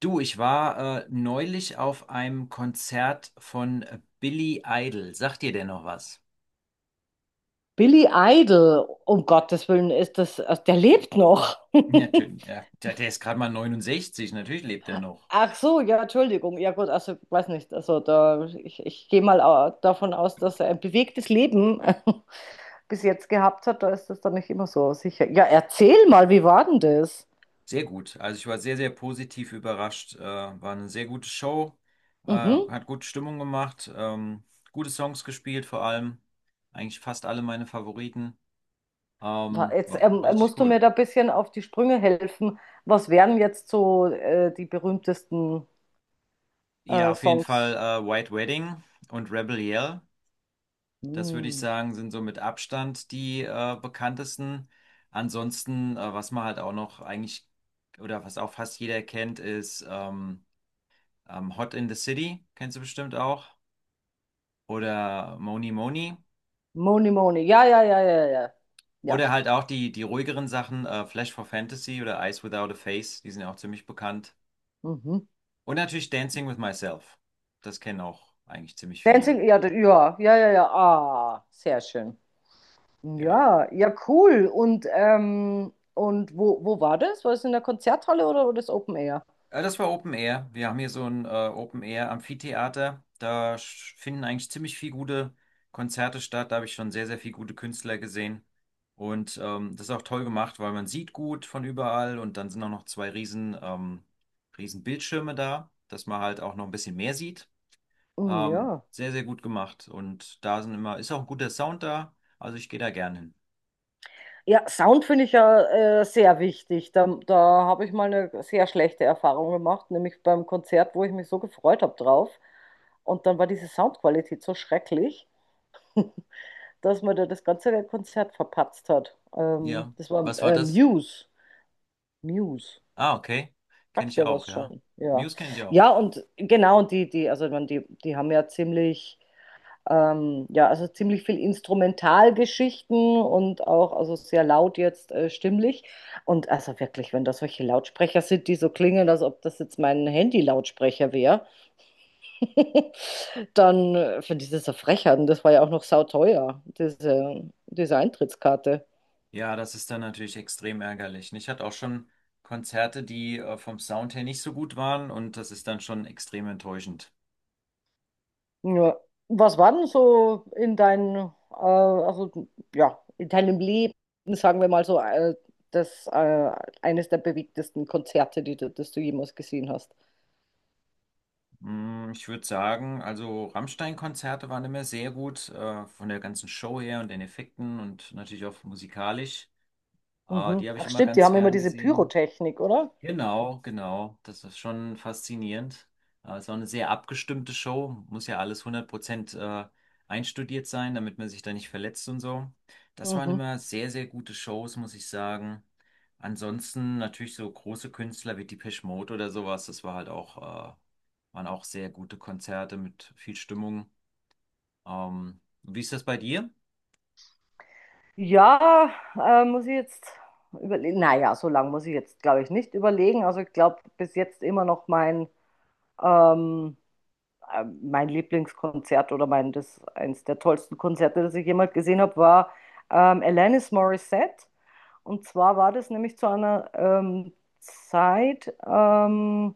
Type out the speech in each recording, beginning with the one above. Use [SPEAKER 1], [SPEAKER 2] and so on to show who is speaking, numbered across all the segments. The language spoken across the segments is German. [SPEAKER 1] Du, ich war neulich auf einem Konzert von Billy Idol. Sagt dir der noch was?
[SPEAKER 2] Billy Idol, um Gottes Willen, ist das, also der lebt noch.
[SPEAKER 1] Natürlich, ja. Der ist gerade mal 69, natürlich lebt er noch.
[SPEAKER 2] Ach so, ja, Entschuldigung. Ja gut, also weiß nicht. Also da, ich gehe mal davon aus, dass er ein bewegtes Leben bis jetzt gehabt hat. Da ist das dann nicht immer so sicher. Ja, erzähl mal, wie war denn das?
[SPEAKER 1] Sehr gut. Also ich war sehr, sehr positiv überrascht. War eine sehr gute Show,
[SPEAKER 2] Mhm.
[SPEAKER 1] hat gute Stimmung gemacht, gute Songs gespielt vor allem. Eigentlich fast alle meine Favoriten.
[SPEAKER 2] Jetzt
[SPEAKER 1] War richtig
[SPEAKER 2] musst du mir
[SPEAKER 1] cool.
[SPEAKER 2] da ein bisschen auf die Sprünge helfen. Was wären jetzt so die berühmtesten
[SPEAKER 1] Ja, auf jeden Fall
[SPEAKER 2] Songs?
[SPEAKER 1] White Wedding und Rebel Yell. Das würde ich
[SPEAKER 2] Hm.
[SPEAKER 1] sagen, sind so mit Abstand die bekanntesten. Ansonsten, was man halt auch noch eigentlich oder was auch fast jeder kennt, ist Hot in the City, kennst du bestimmt auch. Oder Moni Moni.
[SPEAKER 2] Money, Money. Ja, ja, ja, ja, ja. Ja.
[SPEAKER 1] Oder halt auch die ruhigeren Sachen, Flash for Fantasy oder Eyes Without a Face, die sind ja auch ziemlich bekannt.
[SPEAKER 2] Mhm.
[SPEAKER 1] Und natürlich Dancing with Myself. Das kennen auch eigentlich ziemlich viele.
[SPEAKER 2] Dancing, ja, ja, ja, ja, ja, ah, sehr schön.
[SPEAKER 1] Ja.
[SPEAKER 2] Ja, ja, cool. Und wo war das? War das in der Konzerthalle oder war das Open Air?
[SPEAKER 1] Das war Open Air. Wir haben hier so ein Open Air Amphitheater. Finden eigentlich ziemlich viel gute Konzerte statt. Da habe ich schon sehr, sehr viel gute Künstler gesehen. Und das ist auch toll gemacht, weil man sieht gut von überall und dann sind auch noch zwei riesen, riesen Bildschirme da, dass man halt auch noch ein bisschen mehr sieht.
[SPEAKER 2] Hm, ja.
[SPEAKER 1] Sehr, sehr gut gemacht. Und da sind ist auch ein guter Sound da. Also ich gehe da gern hin.
[SPEAKER 2] Ja, Sound finde ich ja sehr wichtig. Da habe ich mal eine sehr schlechte Erfahrung gemacht, nämlich beim Konzert, wo ich mich so gefreut habe drauf. Und dann war diese Soundqualität so schrecklich, dass man da das ganze Konzert verpatzt hat.
[SPEAKER 1] Ja.
[SPEAKER 2] Das war
[SPEAKER 1] Was war das?
[SPEAKER 2] Muse. Muse.
[SPEAKER 1] Ah, okay. Kenne
[SPEAKER 2] Sagt
[SPEAKER 1] ich
[SPEAKER 2] er
[SPEAKER 1] auch,
[SPEAKER 2] was
[SPEAKER 1] ja.
[SPEAKER 2] schon, ja.
[SPEAKER 1] Muse kenne ich auch.
[SPEAKER 2] Ja, und genau, und die, also ich meine, die haben ja ziemlich, ja, also ziemlich viel Instrumentalgeschichten und auch, also sehr laut jetzt stimmlich. Und also wirklich, wenn das solche Lautsprecher sind, die so klingen, als ob das jetzt mein Handy-Lautsprecher wäre, dann finde ich das eine Frechheit. Und das war ja auch noch sauteuer, diese Eintrittskarte.
[SPEAKER 1] Ja, das ist dann natürlich extrem ärgerlich. Und ich hatte auch schon Konzerte, die vom Sound her nicht so gut waren, und das ist dann schon extrem enttäuschend.
[SPEAKER 2] Ja. Was war denn so in deinem, also ja, in deinem Leben, sagen wir mal so, das eines der bewegtesten Konzerte, die du, das du jemals gesehen hast?
[SPEAKER 1] Mm, ich würde sagen, also Rammstein-Konzerte waren immer sehr gut, von der ganzen Show her und den Effekten und natürlich auch musikalisch.
[SPEAKER 2] Mhm.
[SPEAKER 1] Die habe ich
[SPEAKER 2] Ach
[SPEAKER 1] immer
[SPEAKER 2] stimmt, die
[SPEAKER 1] ganz
[SPEAKER 2] haben immer
[SPEAKER 1] gern
[SPEAKER 2] diese
[SPEAKER 1] gesehen.
[SPEAKER 2] Pyrotechnik, oder?
[SPEAKER 1] Genau, genau. Das ist schon faszinierend. Es war eine sehr abgestimmte Show. Muss ja alles 100% einstudiert sein, damit man sich da nicht verletzt und so. Das waren
[SPEAKER 2] Mhm.
[SPEAKER 1] immer sehr, sehr gute Shows, muss ich sagen. Ansonsten natürlich so große Künstler wie Depeche Mode oder sowas. Das war halt auch, waren auch sehr gute Konzerte mit viel Stimmung. Wie ist das bei dir?
[SPEAKER 2] Ja, muss ich jetzt überlegen. Naja, so lange muss ich jetzt, glaube ich, nicht überlegen. Also ich glaube, bis jetzt immer noch mein ähm, mein Lieblingskonzert oder mein, das, eins der tollsten Konzerte, das ich jemals gesehen habe, war Alanis Morissette. Und zwar war das nämlich zu einer Zeit,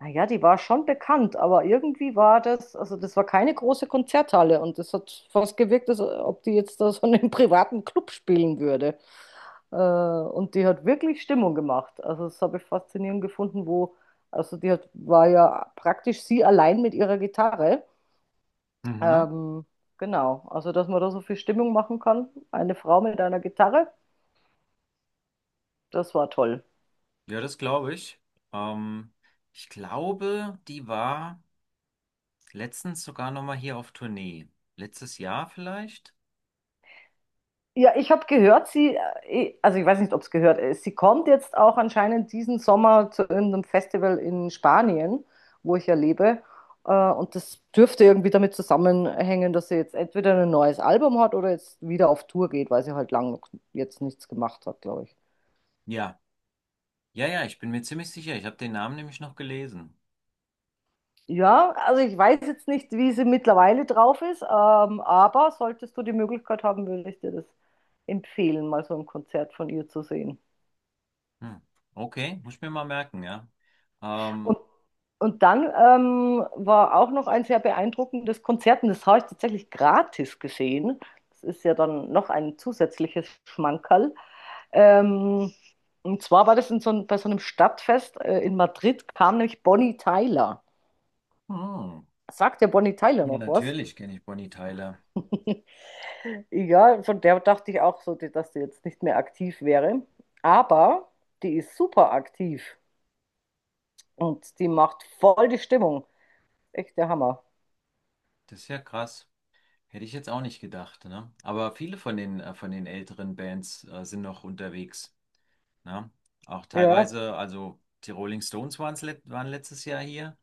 [SPEAKER 2] naja, die war schon bekannt, aber irgendwie war das, also das war keine große Konzerthalle und das hat fast gewirkt, als ob die jetzt da so in einem privaten Club spielen würde. Und die hat wirklich Stimmung gemacht. Also das habe ich faszinierend gefunden, wo, also die hat, war ja praktisch sie allein mit ihrer Gitarre
[SPEAKER 1] Mhm.
[SPEAKER 2] ähm, genau, also dass man da so viel Stimmung machen kann. Eine Frau mit einer Gitarre, das war toll.
[SPEAKER 1] Ja, das glaube ich. Ähm, Ich glaube, die war letztens sogar nochmal hier auf Tournee. Letztes Jahr vielleicht?
[SPEAKER 2] Ja, ich habe gehört, sie, eh, also ich weiß nicht, ob es gehört ist, sie kommt jetzt auch anscheinend diesen Sommer zu irgendeinem Festival in Spanien, wo ich ja lebe. Und das dürfte irgendwie damit zusammenhängen, dass sie jetzt entweder ein neues Album hat oder jetzt wieder auf Tour geht, weil sie halt lang jetzt nichts gemacht hat, glaube ich.
[SPEAKER 1] Ja, ja, ja, ich bin mir ziemlich sicher. Ich habe den Namen nämlich noch gelesen.
[SPEAKER 2] Ja, also ich weiß jetzt nicht, wie sie mittlerweile drauf ist, aber solltest du die Möglichkeit haben, würde ich dir das empfehlen, mal so ein Konzert von ihr zu sehen.
[SPEAKER 1] Hm. Okay, muss ich mir mal merken, ja.
[SPEAKER 2] Und,
[SPEAKER 1] Ähm,
[SPEAKER 2] und dann war auch noch ein sehr beeindruckendes Konzert, und das habe ich tatsächlich gratis gesehen. Das ist ja dann noch ein zusätzliches Schmankerl. Ähm, und zwar war das in so ein, bei so einem Stadtfest in Madrid, kam nämlich Bonnie Tyler.
[SPEAKER 1] hm.
[SPEAKER 2] Sagt der Bonnie Tyler
[SPEAKER 1] Ja,
[SPEAKER 2] noch was?
[SPEAKER 1] natürlich kenne ich Bonnie Tyler.
[SPEAKER 2] Ja, von der dachte ich auch so, dass die jetzt nicht mehr aktiv wäre. Aber die ist super aktiv und die macht voll die Stimmung. Echt der Hammer.
[SPEAKER 1] Das ist ja krass. Hätte ich jetzt auch nicht gedacht, ne? Aber viele von den älteren Bands, sind noch unterwegs, ne? Auch
[SPEAKER 2] Ja,
[SPEAKER 1] teilweise, also die Rolling Stones waren letztes Jahr hier.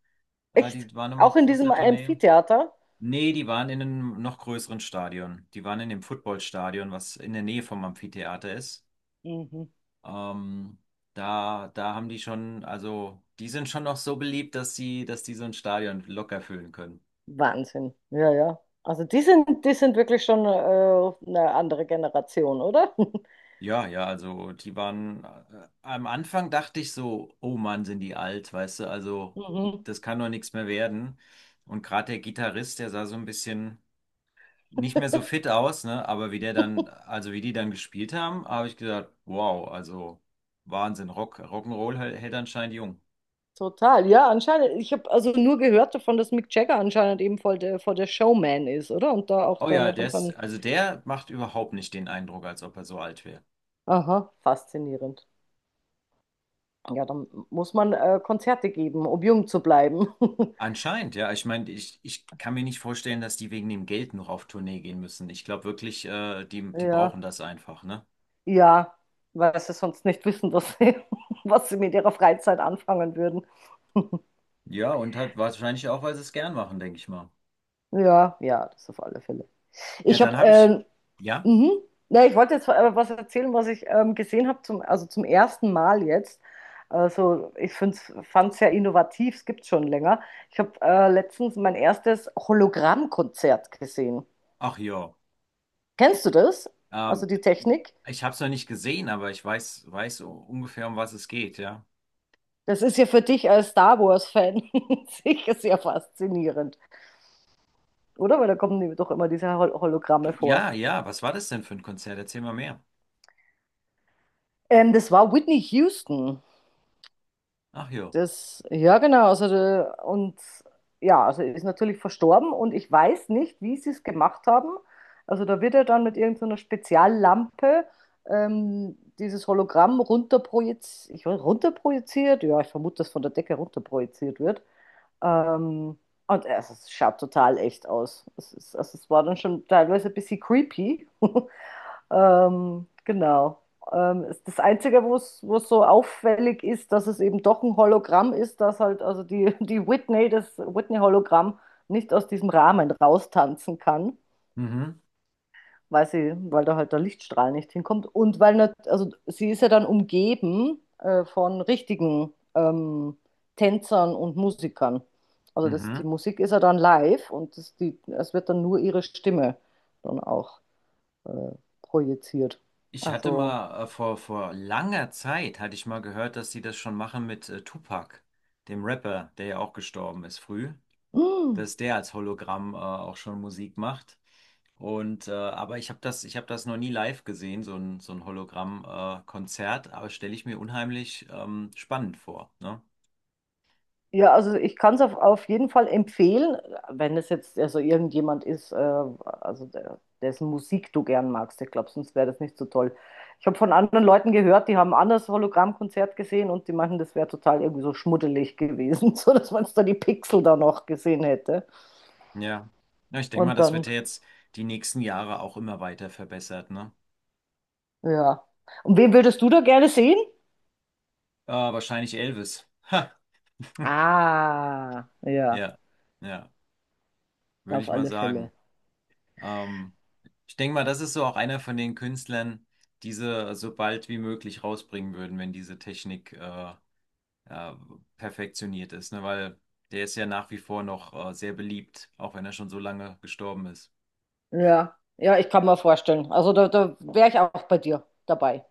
[SPEAKER 2] echt.
[SPEAKER 1] Die waren immer
[SPEAKER 2] Auch
[SPEAKER 1] auf
[SPEAKER 2] in diesem
[SPEAKER 1] großer Tournee.
[SPEAKER 2] Amphitheater.
[SPEAKER 1] Nee, die waren in einem noch größeren Stadion. Die waren in dem Footballstadion, was in der Nähe vom Amphitheater ist.
[SPEAKER 2] Mhm.
[SPEAKER 1] Ähm, da haben die schon, also die sind schon noch so beliebt, dass die so ein Stadion locker füllen können.
[SPEAKER 2] Wahnsinn. Ja, ja. Also die sind wirklich schon eine andere Generation, oder?
[SPEAKER 1] Ja, ja, also die waren, am Anfang dachte ich so, oh Mann, sind die alt, weißt du, also
[SPEAKER 2] Mhm.
[SPEAKER 1] das kann doch nichts mehr werden. Und gerade der Gitarrist, der sah so ein bisschen nicht mehr so fit aus, ne? Aber wie also wie die dann gespielt haben, habe ich gedacht, wow, also Wahnsinn, Rock, Rock'n'Roll hält anscheinend jung.
[SPEAKER 2] Total. Ja, anscheinend. Ich habe also nur gehört davon, dass Mick Jagger anscheinend eben voll der Showman ist, oder? Und da auch
[SPEAKER 1] Oh
[SPEAKER 2] da
[SPEAKER 1] ja,
[SPEAKER 2] noch
[SPEAKER 1] der
[SPEAKER 2] in
[SPEAKER 1] ist,
[SPEAKER 2] so
[SPEAKER 1] also der macht überhaupt nicht den Eindruck, als ob er so alt wäre.
[SPEAKER 2] aha, faszinierend. Ja, dann muss man Konzerte geben, um jung zu bleiben.
[SPEAKER 1] Anscheinend, ja. Ich meine, ich kann mir nicht vorstellen, dass die wegen dem Geld noch auf Tournee gehen müssen. Ich glaube wirklich, die
[SPEAKER 2] Ja,
[SPEAKER 1] brauchen das einfach, ne?
[SPEAKER 2] ja, weil sie sonst nicht wissen, was sie, was sie mit ihrer Freizeit anfangen würden.
[SPEAKER 1] Ja, und halt wahrscheinlich auch, weil sie es gern machen, denke ich mal.
[SPEAKER 2] Ja, ja, das auf alle Fälle.
[SPEAKER 1] Ja,
[SPEAKER 2] Ich habe,
[SPEAKER 1] dann habe ich, ja,
[SPEAKER 2] mhm. Na, ich wollte jetzt was erzählen, was ich gesehen habe, zum, also zum ersten Mal jetzt. Also ich fand es sehr innovativ, es gibt es schon länger. Ich habe letztens mein erstes Hologrammkonzert gesehen.
[SPEAKER 1] ach ja.
[SPEAKER 2] Kennst du das? Also
[SPEAKER 1] Ähm,
[SPEAKER 2] die Technik?
[SPEAKER 1] Ich habe es noch nicht gesehen, aber ich weiß, ungefähr, um was es geht, ja.
[SPEAKER 2] Das ist ja für dich als Star Wars-Fan sicher sehr faszinierend, oder? Weil da kommen nämlich doch immer diese Hologramme vor.
[SPEAKER 1] Ja, ja, was war das denn für ein Konzert? Erzähl mal mehr.
[SPEAKER 2] Das war Whitney Houston.
[SPEAKER 1] Ach jo.
[SPEAKER 2] Das, ja, genau. Also, und ja, also ist natürlich verstorben und ich weiß nicht, wie sie es gemacht haben. Also da wird er dann mit irgendeiner Speziallampe dieses Hologramm runterprojiziert, ich, weiß, runterprojiziert, ja, ich vermute, dass von der Decke runterprojiziert wird. Ähm, und es schaut total echt aus. Ist, also es war dann schon teilweise ein bisschen creepy. Genau. Das Einzige, wo es so auffällig ist, dass es eben doch ein Hologramm ist, dass halt also die, die Whitney, das Whitney-Hologramm, nicht aus diesem Rahmen raustanzen kann,
[SPEAKER 1] Mhm,
[SPEAKER 2] weil sie, weil da halt der Lichtstrahl nicht hinkommt und weil nicht, also sie ist ja dann umgeben von richtigen Tänzern und Musikern. Also das, die
[SPEAKER 1] mhm.
[SPEAKER 2] Musik ist ja dann live und das, die, es wird dann nur ihre Stimme dann auch äh, projiziert.
[SPEAKER 1] Ich hatte
[SPEAKER 2] Also,
[SPEAKER 1] mal vor langer Zeit, hatte ich mal gehört, dass sie das schon machen mit Tupac, dem Rapper, der ja auch gestorben ist früh,
[SPEAKER 2] mm,
[SPEAKER 1] dass der als Hologramm auch schon Musik macht. Und aber ich habe das noch nie live gesehen, so ein Hologramm-Konzert, aber stelle ich mir unheimlich spannend vor, ne?
[SPEAKER 2] ja, also ich kann es auf jeden Fall empfehlen, wenn es jetzt also irgendjemand ist, also der, dessen Musik du gern magst. Ich glaube, sonst wäre das nicht so toll. Ich habe von anderen Leuten gehört, die haben ein anderes Hologrammkonzert gesehen und die meinten, das wäre total irgendwie so schmuddelig gewesen, so dass man da die Pixel da noch gesehen hätte.
[SPEAKER 1] Ja. Ja, ich denke mal,
[SPEAKER 2] Und
[SPEAKER 1] das wird
[SPEAKER 2] dann,
[SPEAKER 1] ja jetzt die nächsten Jahre auch immer weiter verbessert, ne?
[SPEAKER 2] ja. Und wen würdest du da gerne sehen?
[SPEAKER 1] Ah, wahrscheinlich Elvis. Ha.
[SPEAKER 2] Ah, ja,
[SPEAKER 1] Ja, ja, würde
[SPEAKER 2] auf
[SPEAKER 1] ich mal
[SPEAKER 2] alle Fälle.
[SPEAKER 1] sagen. Ähm, Ich denke mal, das ist so auch einer von den Künstlern, die sie so bald wie möglich rausbringen würden, wenn diese Technik äh, perfektioniert ist, ne? Weil der ist ja nach wie vor noch sehr beliebt, auch wenn er schon so lange gestorben ist.
[SPEAKER 2] Ja, ja, ich kann mir vorstellen. Also da, da wäre ich auch bei dir dabei.